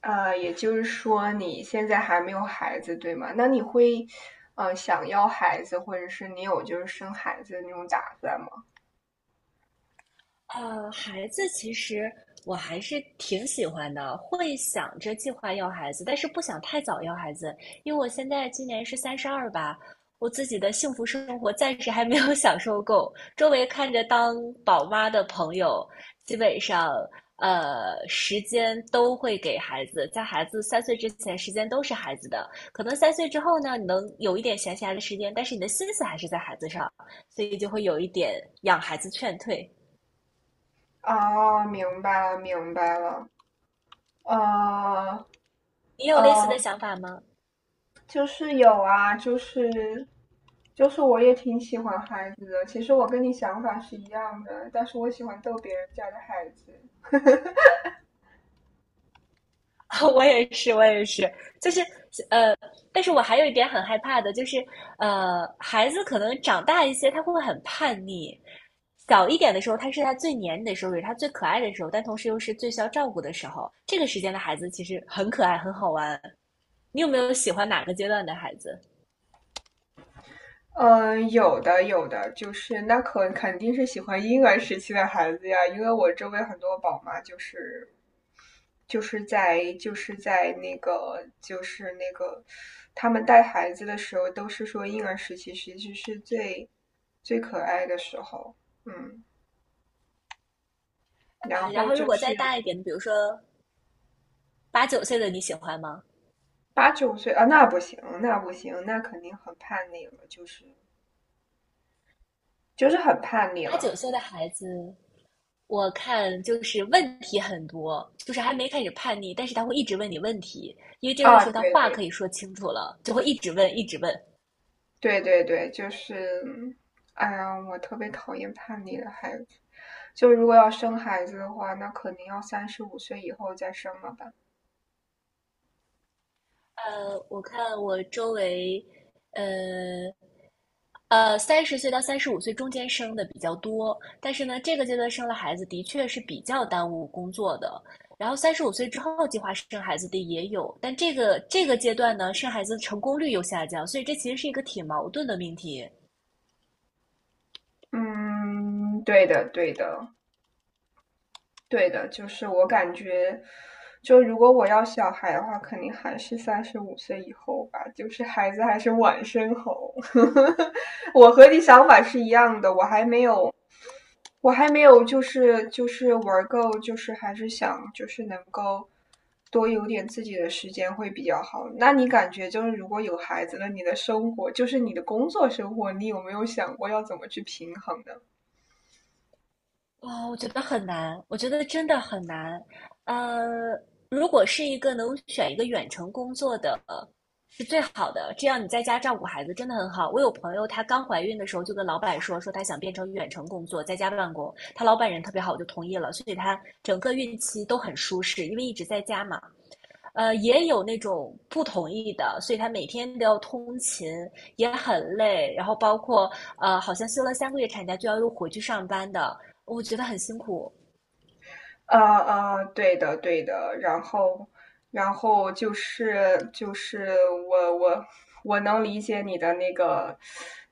也就是说你现在还没有孩子，对吗？那你会，想要孩子，或者是你有生孩子的那种打算吗？孩子其实我还是挺喜欢的，会想着计划要孩子，但是不想太早要孩子，因为我现在今年是32吧，我自己的幸福生活暂时还没有享受够。周围看着当宝妈的朋友，基本上时间都会给孩子，在孩子三岁之前，时间都是孩子的。可能三岁之后呢，你能有一点闲暇的时间，但是你的心思还是在孩子上，所以就会有一点养孩子劝退。啊，明白了，明白了。呃你有类似呃，的想法吗？就是有啊，就是我也挺喜欢孩子的。其实我跟你想法是一样的，但是我喜欢逗别人家的孩子。我也是，我也是，就是呃，但是我还有一点很害怕的，就是孩子可能长大一些，他会很叛逆。小一点的时候，他是他最黏你的时候，也是他最可爱的时候，但同时又是最需要照顾的时候。这个时间的孩子其实很可爱，很好玩。你有没有喜欢哪个阶段的孩子？嗯，有的有的，就是那可肯定是喜欢婴儿时期的孩子呀，因为我周围很多宝妈就是就是在就是在那个就是那个，他们带孩子的时候都是说婴儿时期其实是最可爱的时候。嗯，然然后后就如果是再大一点，比如说八九岁的，你喜欢吗？8、9岁啊，那不行，那不行，那肯定很叛逆了，就是很叛逆八九了。岁的孩子，我看就是问题很多，就是还没开始叛逆，但是他会一直问你问题，因为这个啊，时候他对话对可以说清楚了，就会一直问，一直问。对对对，就是，哎呀，我特别讨厌叛逆的孩子。就如果要生孩子的话，那肯定要三十五岁以后再生了吧？我看我周围，呃30岁到35岁中间生的比较多，但是呢，这个阶段生了孩子的确是比较耽误工作的。然后三十五岁之后计划生孩子的也有，但这个阶段呢，生孩子成功率又下降，所以这其实是一个挺矛盾的命题。嗯，对的，对的，对的，就是我感觉，就如果我要小孩的话，肯定还是三十五岁以后吧，就是孩子还是晚生好。我和你想法是一样的，我还没有就是玩够，就是还是想就是能够多有点自己的时间会比较好。那你感觉就是如果有孩子了，你的生活就是你的工作生活，你有没有想过要怎么去平衡呢？哦，我觉得很难，我觉得真的很难。呃，如果是一个能选一个远程工作的，是最好的。这样你在家照顾孩子真的很好。我有朋友，她刚怀孕的时候就跟老板说，说她想变成远程工作，在家办公。她老板人特别好，就同意了，所以她整个孕期都很舒适，因为一直在家嘛。也有那种不同意的，所以他每天都要通勤，也很累。然后包括好像休了3个月产假就要又回去上班的，我觉得很辛苦。对的对的，然后就是我我能理解你的那个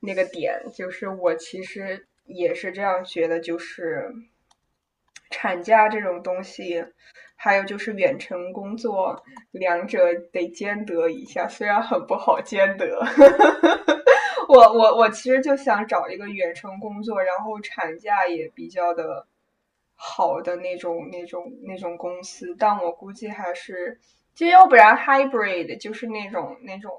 那个点，就是我其实也是这样觉得，就是产假这种东西，还有就是远程工作，两者得兼得一下，虽然很不好兼得。我其实就想找一个远程工作，然后产假也比较的好的那种公司，但我估计还是，就要不然 hybrid 就是那种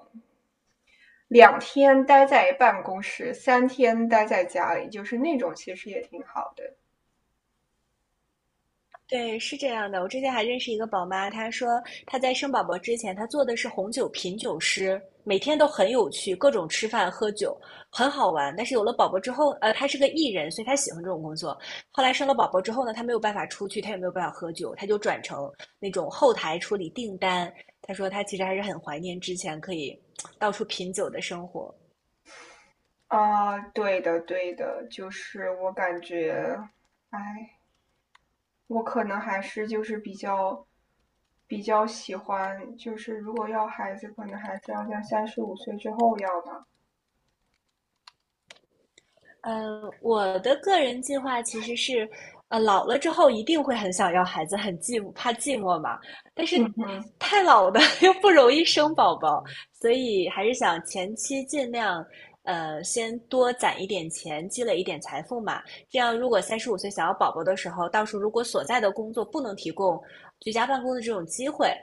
2天待在办公室，3天待在家里，就是那种其实也挺好的。对，是这样的。我之前还认识一个宝妈，她说她在生宝宝之前，她做的是红酒品酒师，每天都很有趣，各种吃饭喝酒，很好玩。但是有了宝宝之后，她是个艺人，所以她喜欢这种工作。后来生了宝宝之后呢，她没有办法出去，她也没有办法喝酒，她就转成那种后台处理订单。她说她其实还是很怀念之前可以 到处品酒的生活。啊、对的对的，就是我感觉，哎，我可能还是就是比较喜欢，就是如果要孩子，可能还是要在三十五岁之后要吧。我的个人计划其实是，老了之后一定会很想要孩子，很寂寞，怕寂寞嘛。但是太老的 又不容易生宝宝，所以还是想前期尽量，先多攒一点钱，积累一点财富嘛。这样，如果三十五岁想要宝宝的时候，到时候如果所在的工作不能提供居家办公的这种机会，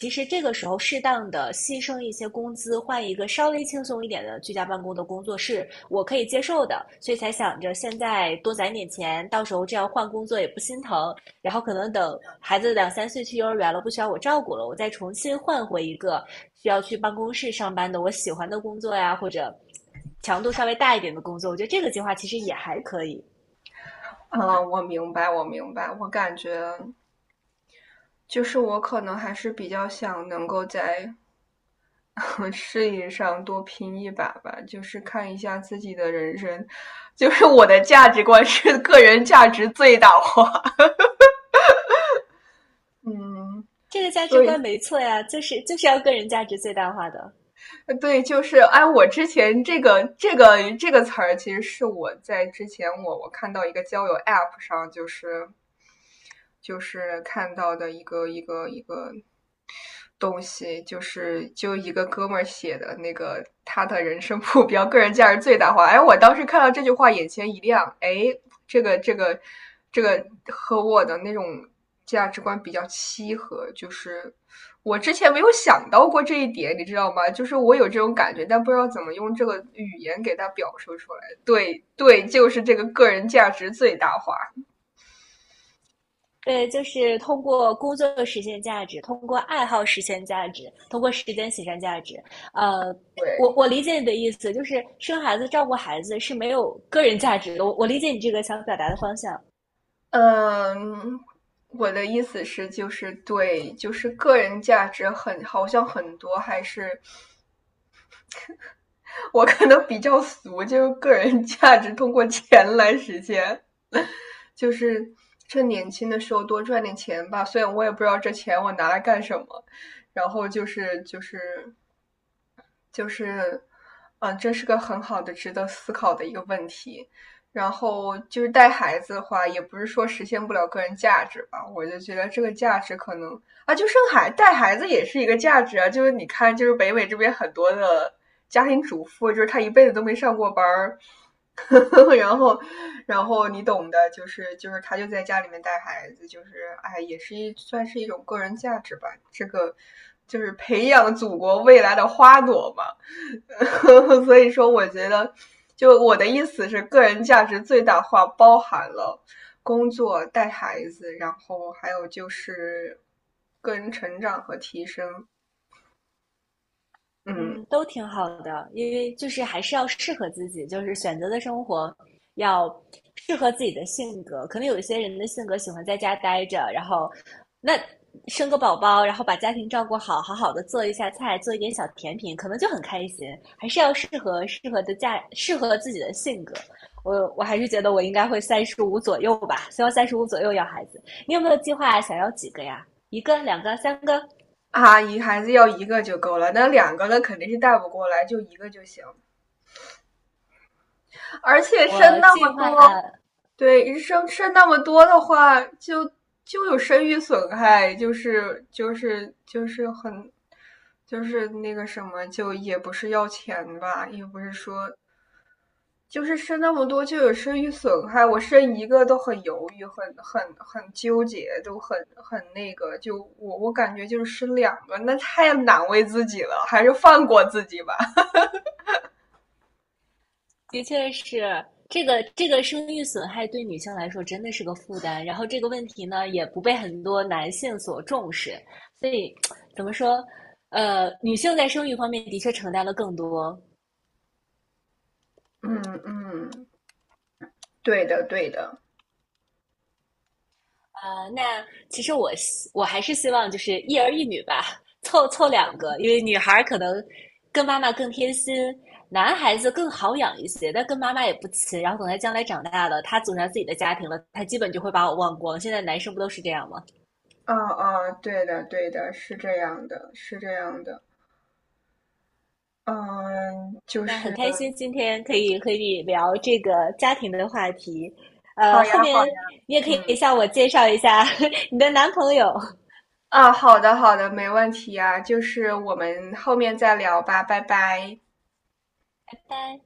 其实这个时候适当的牺牲一些工资，换一个稍微轻松一点的居家办公的工作是我可以接受的，所以才想着现在多攒点钱，到时候这样换工作也不心疼，然后可能等孩子两三岁去幼儿园了，不需要我照顾了，我再重新换回一个需要去办公室上班的我喜欢的工作呀，或者强度稍微大一点的工作，我觉得这个计划其实也还可以，嗯，我明白，我明白，我感觉就是我可能还是比较想能够在 事业上多拼一把吧，就是看一下自己的人生，就是我的价值观是个人价值最大化。嗯，这个价值所以观没错呀，就是要个人价值最大化的。对，就是哎，我之前这个词儿，其实是我在之前我看到一个交友 App 上，就是看到的一个东西，就是就一个哥们儿写的那个他的人生目标、个人价值最大化。哎，我当时看到这句话，眼前一亮。哎，这个这个这个和我的那种价值观比较契合，就是我之前没有想到过这一点，你知道吗？就是我有这种感觉，但不知道怎么用这个语言给他表述出来。对对，就是这个个人价值最大化。对，就是通过工作实现价值，通过爱好实现价值，通过时间实现价值。呃，对，我理解你的意思，就是生孩子、照顾孩子是没有个人价值的。我理解你这个想表达的方向，嗯，我的意思是，就是对，就是个人价值很，好像很多还是我可能比较俗，就是个人价值通过钱来实现。就是趁年轻的时候多赚点钱吧。虽然我也不知道这钱我拿来干什么，然后就是就是就是，嗯，这是个很好的、值得思考的一个问题。然后就是带孩子的话，也不是说实现不了个人价值吧，我就觉得这个价值可能啊，就生孩带孩子也是一个价值啊。就是你看，就是北美这边很多的家庭主妇，就是她一辈子都没上过班儿，然后，然后你懂的，就是他就在家里面带孩子，就是哎，也是一算是一种个人价值吧。这个就是培养祖国未来的花朵嘛。所以说，我觉得，就我的意思是，个人价值最大化包含了工作、带孩子，然后还有就是个人成长和提升。嗯，嗯，都挺好的，因为就是还是要适合自己，就是选择的生活要适合自己的性格。可能有一些人的性格喜欢在家待着，然后那生个宝宝，然后把家庭照顾好，好好的做一下菜，做一点小甜品，可能就很开心。还是要适合自己的性格。我还是觉得我应该会三十五左右吧，希望三十五左右要孩子。你有没有计划想要几个呀？一个、两个、三个？阿姨，一孩子要一个就够了，那两个呢肯定是带不过来，就一个就行。而且生我那计么多，划对，生那么多的话，就就有生育损害，就是很，就是那个什么，就也不是要钱吧，也不是说，就是生那么多就有生育损害，我生一个都很犹豫，很纠结，都很那个，就我感觉就是生两个，那太难为自己了，还是放过自己吧。的确是这个这个生育损害对女性来说真的是个负担，然后这个问题呢也不被很多男性所重视，所以怎么说，女性在生育方面的确承担了更多嗯嗯，对的对的。啊、那其实我还是希望就是一儿一女吧，凑凑两个，因为女孩可能跟妈妈更贴心。男孩子更好养一些，但跟妈妈也不亲。然后等他将来长大了，他组成自己的家庭了，他基本就会把我忘光。现在男生不都是这样吗？啊啊，对的，对的，是这样的，是这样的。嗯，就那很是开心今天可以和你聊这个家庭的话题，好呀，后好呀，面你也可以嗯，向我介绍一下 你的男朋友。啊，好的，好的，没问题呀，就是我们后面再聊吧，拜拜。拜拜。